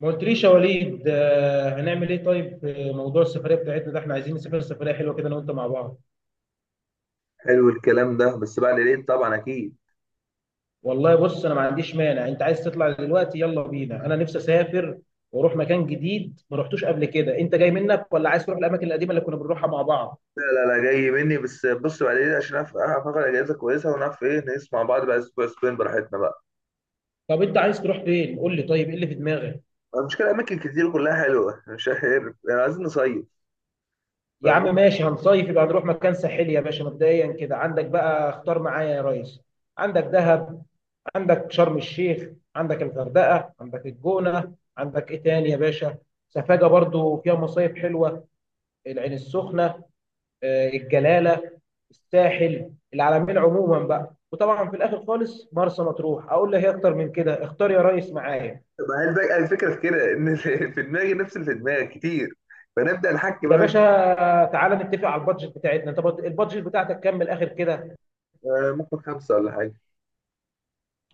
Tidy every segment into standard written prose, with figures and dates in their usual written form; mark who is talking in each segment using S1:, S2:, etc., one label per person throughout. S1: ما قلتليش يا وليد، هنعمل ايه؟ طيب في موضوع السفريه بتاعتنا ده، احنا عايزين نسافر سفريه حلوه كده انا وانت مع بعض.
S2: حلو الكلام ده، بس بعد العيد طبعا اكيد.
S1: والله بص، انا ما عنديش مانع، انت عايز تطلع دلوقتي يلا بينا، انا نفسي اسافر واروح مكان جديد ما رحتوش قبل كده. انت جاي منك، ولا عايز تروح الاماكن القديمه اللي كنا بنروحها مع بعض؟
S2: لا لا لا، جاي مني. بس بص، بعد العيد عشان اعرف اخد اجازه كويسه، ونعرف ايه نقيس مع بعض بقى اسبوع اسبوعين براحتنا بقى.
S1: طب انت عايز تروح فين؟ قول لي، طيب ايه اللي في دماغك؟
S2: المشكله اماكن كتير كلها حلوه مش عارف يعني، عايزين نصيف.
S1: يا
S2: فممكن.
S1: عم ماشي، هنصيف، يبقى هنروح مكان ساحلي يا باشا. مبدئيا كده عندك بقى، اختار معايا يا ريس. عندك دهب، عندك شرم الشيخ، عندك الغردقه، عندك الجونه، عندك ايه تاني يا باشا؟ سفاجه برضو فيها مصايف حلوه، العين السخنه، الجلاله، الساحل، العلمين، عموما بقى وطبعا في الاخر خالص مرسى مطروح. اقول له هي اكتر من كده، اختار يا ريس معايا.
S2: ما هي الفكره في كده ان في دماغي نفس اللي في دماغك كتير. فنبدا نحكي
S1: يا
S2: بقى، مش...
S1: باشا تعالى نتفق على البادجت بتاعتنا، انت البادجت بتاعتك كام من الاخر كده؟
S2: ممكن خمسه ولا حاجه.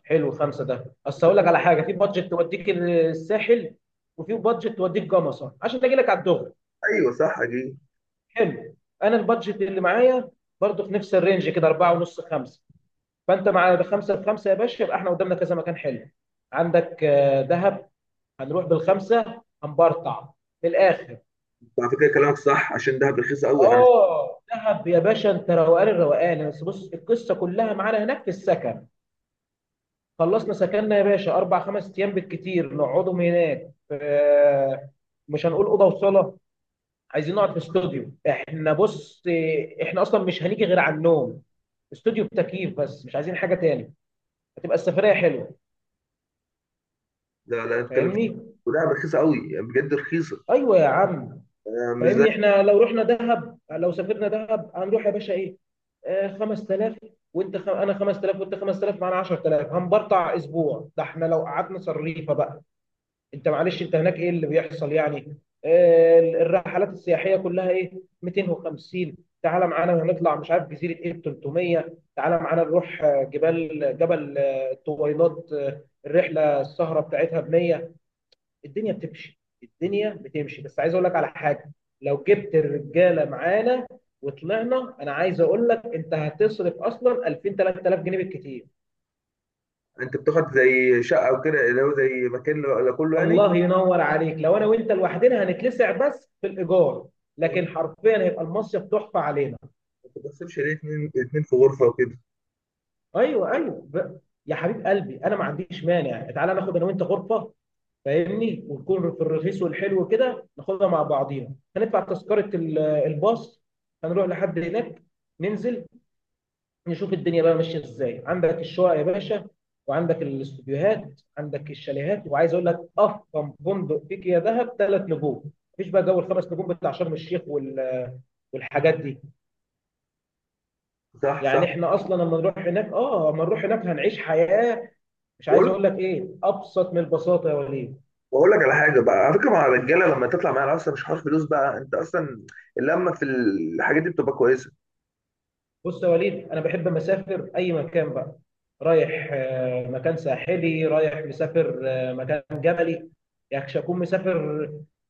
S1: حلو، خمسه ده اصل اقول لك على حاجه، في بادجت توديك الساحل وفي بادجت توديك جمصه عشان اجي لك على الدغ.
S2: ايوه صح اكيد.
S1: حلو. انا البادجت اللي معايا برضو في نفس الرينج كده، 4 ونص 5. فانت مع بخمسه بخمسه يا باشا، يبقى احنا قدامنا كذا مكان حلو. عندك دهب، هنروح بالخمسه هنبرطع من الاخر.
S2: على فكره كلامك صح، عشان دهب رخيصه قوي عن...
S1: اه دهب يا باشا، انت روقان الروقان. بس بص، القصه كلها معانا هناك في السكن. خلصنا سكننا يا باشا، اربع خمس ايام بالكتير نقعدهم هناك. مش هنقول اوضه وصاله، عايزين نقعد في استوديو. احنا بص، احنا اصلا مش هنيجي غير على النوم، استوديو تكييف بس، مش عايزين حاجه تاني. هتبقى السفريه حلوه،
S2: لا لا، نتكلم.
S1: فاهمني؟
S2: ودهب رخيصه قوي، يعني بجد رخيصه.
S1: ايوه يا عم،
S2: مش زي...
S1: فاهمني. احنا لو رحنا دهب، لو سافرنا دهب هنروح يا باشا ايه؟ آه 5000، انا 5000 وانت 5000، معانا 10000 هنبرطع اسبوع. ده احنا لو قعدنا صريفه بقى. انت معلش، انت هناك ايه اللي بيحصل يعني؟ الرحلات السياحيه كلها ايه؟ 250. تعالى معانا هنطلع مش عارف جزيره ايه، 300. تعالى معانا نروح جبال، جبل الطويلات، الرحله السهره بتاعتها ب 100. الدنيا بتمشي، الدنيا بتمشي. بس عايز اقول لك على حاجه، لو جبت الرجاله معانا وطلعنا، انا عايز اقول لك انت هتصرف اصلا 2000 3000 جنيه بالكتير.
S2: انت بتاخد زي شقه او كده، اللي هو زي مكان لكله يعني.
S1: الله ينور عليك، لو انا وانت لوحدنا هنتلسع بس في الايجار، لكن
S2: ما
S1: حرفيا هيبقى المصيف تحفه علينا.
S2: بتقسمش ليه اتنين اتنين في غرفه وكده؟
S1: ايوه ايوه يا حبيب قلبي انا ما عنديش مانع، تعالى ناخد انا وانت غرفه، فاهمني؟ ونكون في الرخيص والحلو كده، ناخدها مع بعضينا. هندفع تذكره الباص، هنروح لحد هناك، ننزل، نشوف الدنيا بقى ماشيه ازاي. عندك الشقق يا باشا، وعندك الاستوديوهات، عندك الشاليهات. وعايز اقول لك افخم فندق فيك يا دهب ثلاث نجوم، مفيش بقى جو الخمس نجوم بتاع شرم الشيخ والحاجات دي.
S2: صح
S1: يعني
S2: صح.
S1: احنا اصلا لما نروح هناك، اه لما نروح هناك هنعيش حياه، مش عايز
S2: بقول
S1: اقول لك ايه، ابسط من البساطه يا وليد.
S2: بقول لك على حاجه بقى، على فكره مع الرجاله لما تطلع معايا اصلا مش حوار فلوس بقى، انت اصلا اللمه في الحاجات دي بتبقى كويسه.
S1: بص يا وليد، انا بحب مسافر اي مكان بقى، رايح مكان ساحلي، رايح مسافر مكان جبلي، يعني مش هكون مسافر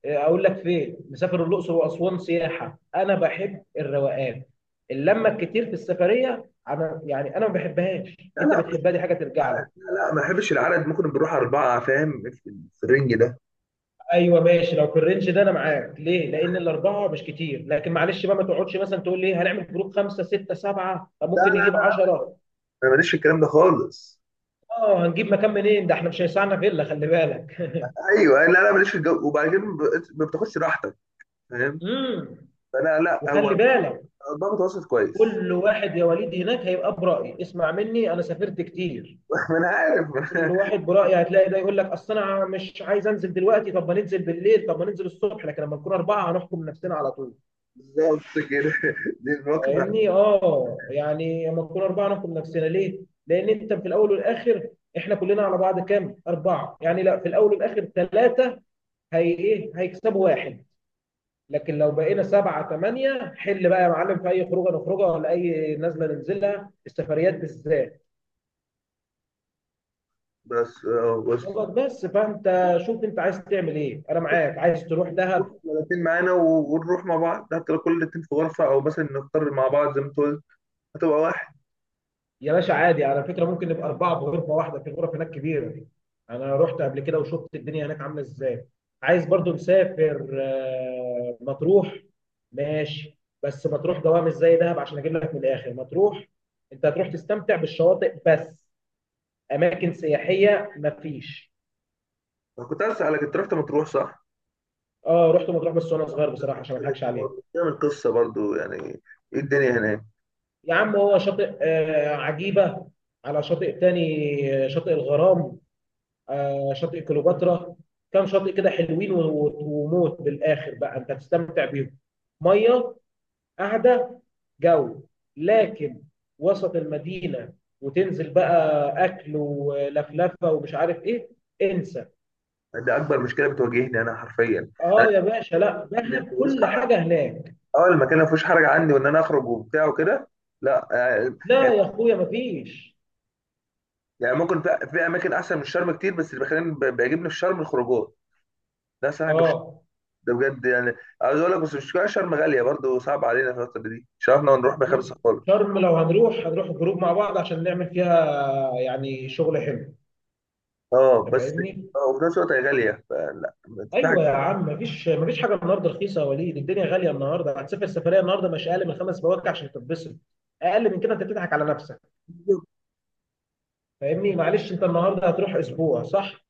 S1: اقول لك فين، مسافر الاقصر واسوان سياحه. انا بحب الروقان، اللمه الكتير في السفريه انا يعني انا ما بحبهاش.
S2: لا
S1: انت
S2: لا
S1: بتحبها، دي حاجه ترجع لك.
S2: لا، ما بحبش العدد، ممكن بنروح اربعه، فاهم؟ في الرينج ده.
S1: ايوه ماشي، لو في الرينج ده انا معاك ليه؟ لان الاربعه مش كتير. لكن معلش بقى، ما تقعدش مثلا تقول لي إيه، هنعمل جروب خمسه سته سبعه، طب
S2: لا
S1: ممكن
S2: لا
S1: نجيب
S2: لا،
S1: 10.
S2: انا ماليش في الكلام ده خالص.
S1: اه هنجيب مكان منين؟ ده احنا مش هيسعنا فيلا، خلي بالك.
S2: ايوه. لا لا، ماليش في الجو، وبعد كده ما بتاخدش راحتك، فاهم؟
S1: امم
S2: فانا لا،
S1: وخلي
S2: هو
S1: بالك،
S2: ضابط وسط كويس.
S1: كل واحد يا وليد هناك هيبقى برأي. اسمع مني، انا سافرت كتير.
S2: ما انا عارف.
S1: كل واحد برأي، هتلاقي ده يقول لك اصل انا مش عايز انزل دلوقتي، طب ما ننزل بالليل، طب ما ننزل الصبح. لكن لما نكون اربعه هنحكم نفسنا على طول.
S2: بالظبط كده. دي المواقف اللي هتحصل.
S1: فاهمني؟ اه يعني لما نكون اربعه نحكم نفسنا ليه؟ لان انت في الاول والاخر، احنا كلنا على بعض كام؟ اربعه، يعني لا، في الاول والاخر ثلاثه. هي ايه؟ هيكسبوا واحد. لكن لو بقينا سبعة ثمانية، حل بقى يا معلم في أي خروجة نخرجها ولا أي نزلة ننزلها، السفريات بالذات.
S2: بس بس
S1: خلاص بس، فأنت شوف أنت عايز تعمل إيه، أنا معاك. عايز تروح دهب،
S2: 30 معانا، ونروح مع بعض، حتى لو كل الاتنين في غرفة، أو مثلا نختار مع بعض زي ما أنت قلت، هتبقى واحد.
S1: يا باشا عادي. على فكرة ممكن نبقى أربعة بغرفة واحدة، في الغرف هناك كبيرة دي. أنا رحت قبل كده وشفت الدنيا هناك عاملة إزاي. عايز برضو نسافر مطروح، ماشي، بس مطروح جواها مش زي دهب. عشان أجيب لك من الآخر، مطروح أنت هتروح تستمتع بالشواطئ بس، أماكن سياحية مفيش.
S2: أنا كنت عايز أسألك، أنت رحت مطروح صح؟
S1: اه رحت مطروح بس وانا صغير بصراحه، عشان ما اضحكش عليك.
S2: تعمل قصة برضو يعني. إيه الدنيا هناك؟
S1: يا عم هو شاطئ آه عجيبه، على شاطئ تاني، شاطئ الغرام، آه شاطئ كليوباترا، كام شاطئ كده حلوين وموت بالاخر بقى انت هتستمتع بيهم. ميه، قاعده، جو، لكن وسط المدينه وتنزل بقى اكل ولفلفه ومش عارف ايه، انسى.
S2: ده أكبر مشكلة بتواجهني أنا حرفيا. أنا
S1: اه يا باشا، لا
S2: اللي ما
S1: دهب
S2: فيهوش
S1: كل
S2: حرج.
S1: حاجه هناك.
S2: أه، المكان اللي ما فيهوش حرج عندي، وإن أنا أخرج وبتاع وكده، لا يعني...
S1: لا يا اخويا مفيش.
S2: يعني ممكن في أماكن أحسن من الشرم كتير، بس اللي بيخليني بيعجبني في الشرم الخروجات. ده أحسن حاجة.
S1: اه
S2: ده بجد يعني. عاوز اقول لك، بس مش شرم غاليه برضه؟ صعب علينا في الفتره دي، مش عارفنا نروح
S1: بص،
S2: بخمسه خالص.
S1: شرم لو هنروح، هنروح جروب مع بعض عشان نعمل فيها يعني شغل حلو،
S2: اه
S1: انت
S2: بس.
S1: فاهمني.
S2: اه، وفي نفس الوقت هي غاليه، فلا. في حاجه
S1: ايوه يا عم، مفيش مفيش حاجه النهارده رخيصه يا وليد، الدنيا غاليه النهارده. هتسافر سفريه النهارده، مش اقل من خمس بواكع عشان تتبسط. اقل من كده انت بتضحك على نفسك.
S2: كتير.
S1: فاهمني؟ معلش انت النهارده هتروح اسبوع صح؟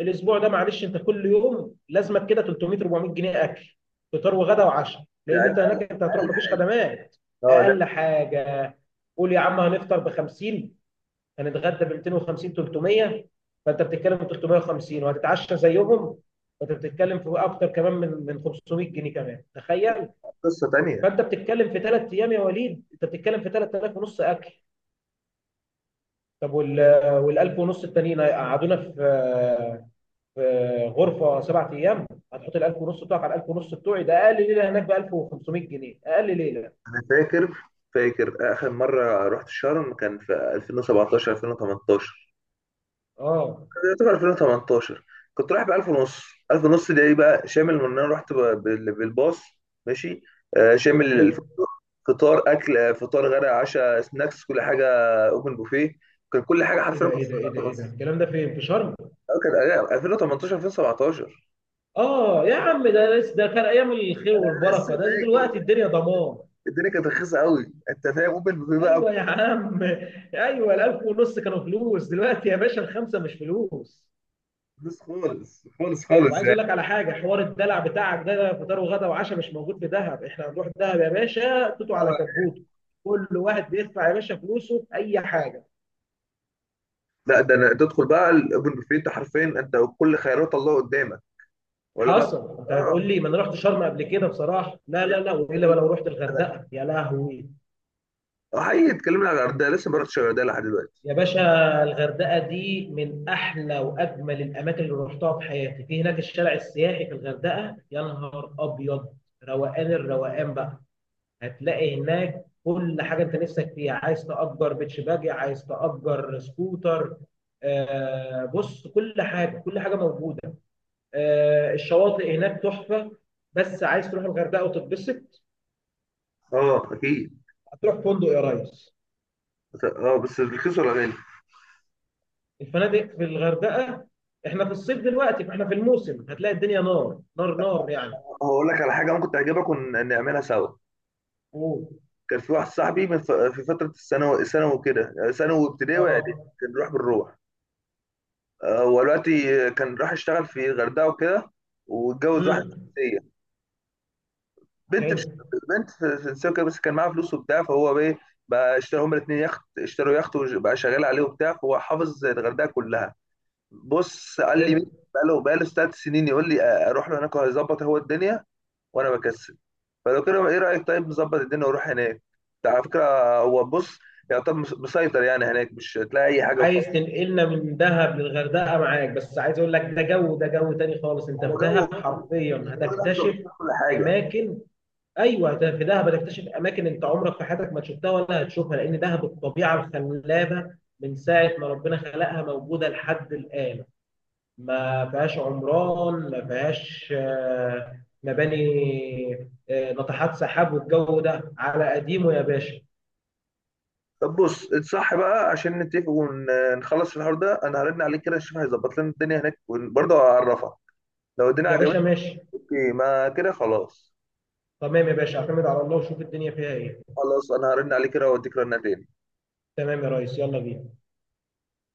S1: الاسبوع ده معلش، انت كل يوم لازمك كده 300 400 جنيه اكل، فطار وغدا وعشاء،
S2: ده
S1: لان انت
S2: اقل
S1: هناك انت هتروح
S2: اقل
S1: مفيش
S2: حاجه.
S1: خدمات.
S2: اه، ده
S1: اقل حاجه. قول يا عم، هنفطر ب 50، هنتغدى ب 250 300، فانت بتتكلم في 350. وهتتعشى زيهم، فانت بتتكلم في اكتر كمان من 500 جنيه كمان، تخيل.
S2: قصه تانيه.
S1: فانت بتتكلم في ثلاث ايام يا وليد، انت بتتكلم في 3000 ونص اكل. طب وال 1000 ونص التانيين هيقعدونا في في غرفه سبع ايام. هتحط ال 1000 ونص بتوعك على ال 1000 ونص بتوعي، ده اقل ليله هناك ب 1500 جنيه، اقل ليله.
S2: انا فاكر اخر مره رحت شرم كان في 2017 2018،
S1: اه
S2: يعتبر 2018. كنت رايح ب 1000 ونص. 1000 ونص ده ايه بقى؟ شامل ان انا بالباص، ماشي، شامل
S1: حلو.
S2: فطار اكل، فطار غدا عشاء سناكس كل حاجه. اوبن بوفيه. كان كل حاجه
S1: ايه
S2: حرفيا
S1: ده
S2: كنت
S1: ايه ده
S2: بدفع
S1: ايه ده
S2: 1000
S1: ايه ده
S2: ونص.
S1: الكلام ده، فين في شرم؟
S2: كان 2018 2017.
S1: اه يا عم ده لسه، ده, كان ايام الخير
S2: انا لسه
S1: والبركه، ده
S2: فاكر.
S1: دلوقتي الدنيا ضمان.
S2: الدنيا كانت رخيصه قوي، انت فاهم؟ اوبن بوفيه بقى.
S1: ايوه يا عم، ايوه الالف ونص كانوا فلوس، دلوقتي يا باشا الخمسه مش فلوس.
S2: فلوس خالص خالص خالص
S1: وعايز
S2: يعني.
S1: اقول لك على حاجه، حوار الدلع بتاعك ده، ده فطار وغدا وعشاء مش موجود في دهب. احنا هنروح دهب يا باشا توتو على كبوته، كل واحد بيدفع يا باشا فلوسه في اي حاجه.
S2: لا ده، أنا تدخل بقى الاوبن بوفيه، انت حرفيا انت كل خيارات الله قدامك، ولا بقى.
S1: حصل. انت هتقول
S2: اه.
S1: لي ما انا رحت شرم قبل كده، بصراحه لا لا لا، والا ما لو رحت الغردقه يا لهوي.
S2: اه حقيقي، اتكلمنا على الغردقه لسه ما رحتش الغردقه لحد دلوقتي.
S1: يا باشا الغردقة دي من أحلى وأجمل الأماكن اللي رحتها في حياتي، في هناك الشارع السياحي في الغردقة يا نهار أبيض، روقان الروقان بقى. هتلاقي هناك كل حاجة أنت نفسك فيها، عايز تأجر بيتش باجي، عايز تأجر سكوتر، آه بص كل حاجة، كل حاجة موجودة. آه الشواطئ هناك تحفة. بس عايز تروح الغردقة وتتبسط،
S2: اه اكيد.
S1: هتروح فندق يا ريس.
S2: اه بس رخيص ولا غالي؟
S1: الفنادق في الغردقه، احنا في الصيف دلوقتي فاحنا في الموسم، هتلاقي الدنيا نار نار نار يعني.
S2: هقول لك على حاجه ممكن تعجبك ونعملها سوا.
S1: اوه
S2: كان في واحد صاحبي في فتره الثانوي، ثانوي كده، ثانوي وابتدائي واعدادي،
S1: اه.
S2: كان بيروح بالروح. هو دلوقتي كان راح يشتغل في الغردقه وكده، واتجوز واحده
S1: امم
S2: فرنسيه، بنت
S1: حلو
S2: في فرنسيه وكده، بس كان معاها فلوس وبتاع، فهو بقى بقى اشتروا هما الاثنين يخت، اشتروا يخت وبقى شغال عليه وبتاع، فهو حافظ الغردقه كلها. بص قال لي
S1: حلو.
S2: مين، بقاله 3 سنين، يقول لي اروح له هناك وهيظبط هو الدنيا، وانا بكسل. فلو كده ايه رايك؟ طيب نظبط الدنيا واروح هناك، ده على فكره. هو بص، يعتبر مسيطر يعني هناك، مش هتلاقي اي حاجه
S1: عايز
S2: وخلاص.
S1: تنقلنا من دهب للغردقه، معاك. بس عايز اقول لك، ده جو، ده جو تاني خالص. انت
S2: هو
S1: في
S2: جو
S1: دهب
S2: جو.
S1: حرفيا
S2: بس الراجل ده هيظبط
S1: هتكتشف
S2: لنا كل حاجه.
S1: اماكن. ايوه ده في دهب هتكتشف اماكن انت عمرك في حياتك ما شفتها ولا هتشوفها، لان دهب الطبيعه الخلابه من ساعه ما ربنا خلقها موجوده لحد الان، ما فيهاش عمران، ما فيهاش مباني ناطحات سحاب، والجو ده على قديمه يا باشا.
S2: طب بص اتصح بقى عشان نتفق ونخلص في الحوار ده، انا هرن عليك كده اشوف هيظبط لنا الدنيا هناك، وبرضه هعرفك لو الدنيا
S1: يا باشا
S2: عجبتك.
S1: ماشي.
S2: اوكي، ما كده خلاص.
S1: تمام يا باشا، اعتمد على الله وشوف الدنيا فيها ايه.
S2: خلاص انا هرن عليك كده واديك رنتين.
S1: تمام يا ريس، يلا بينا.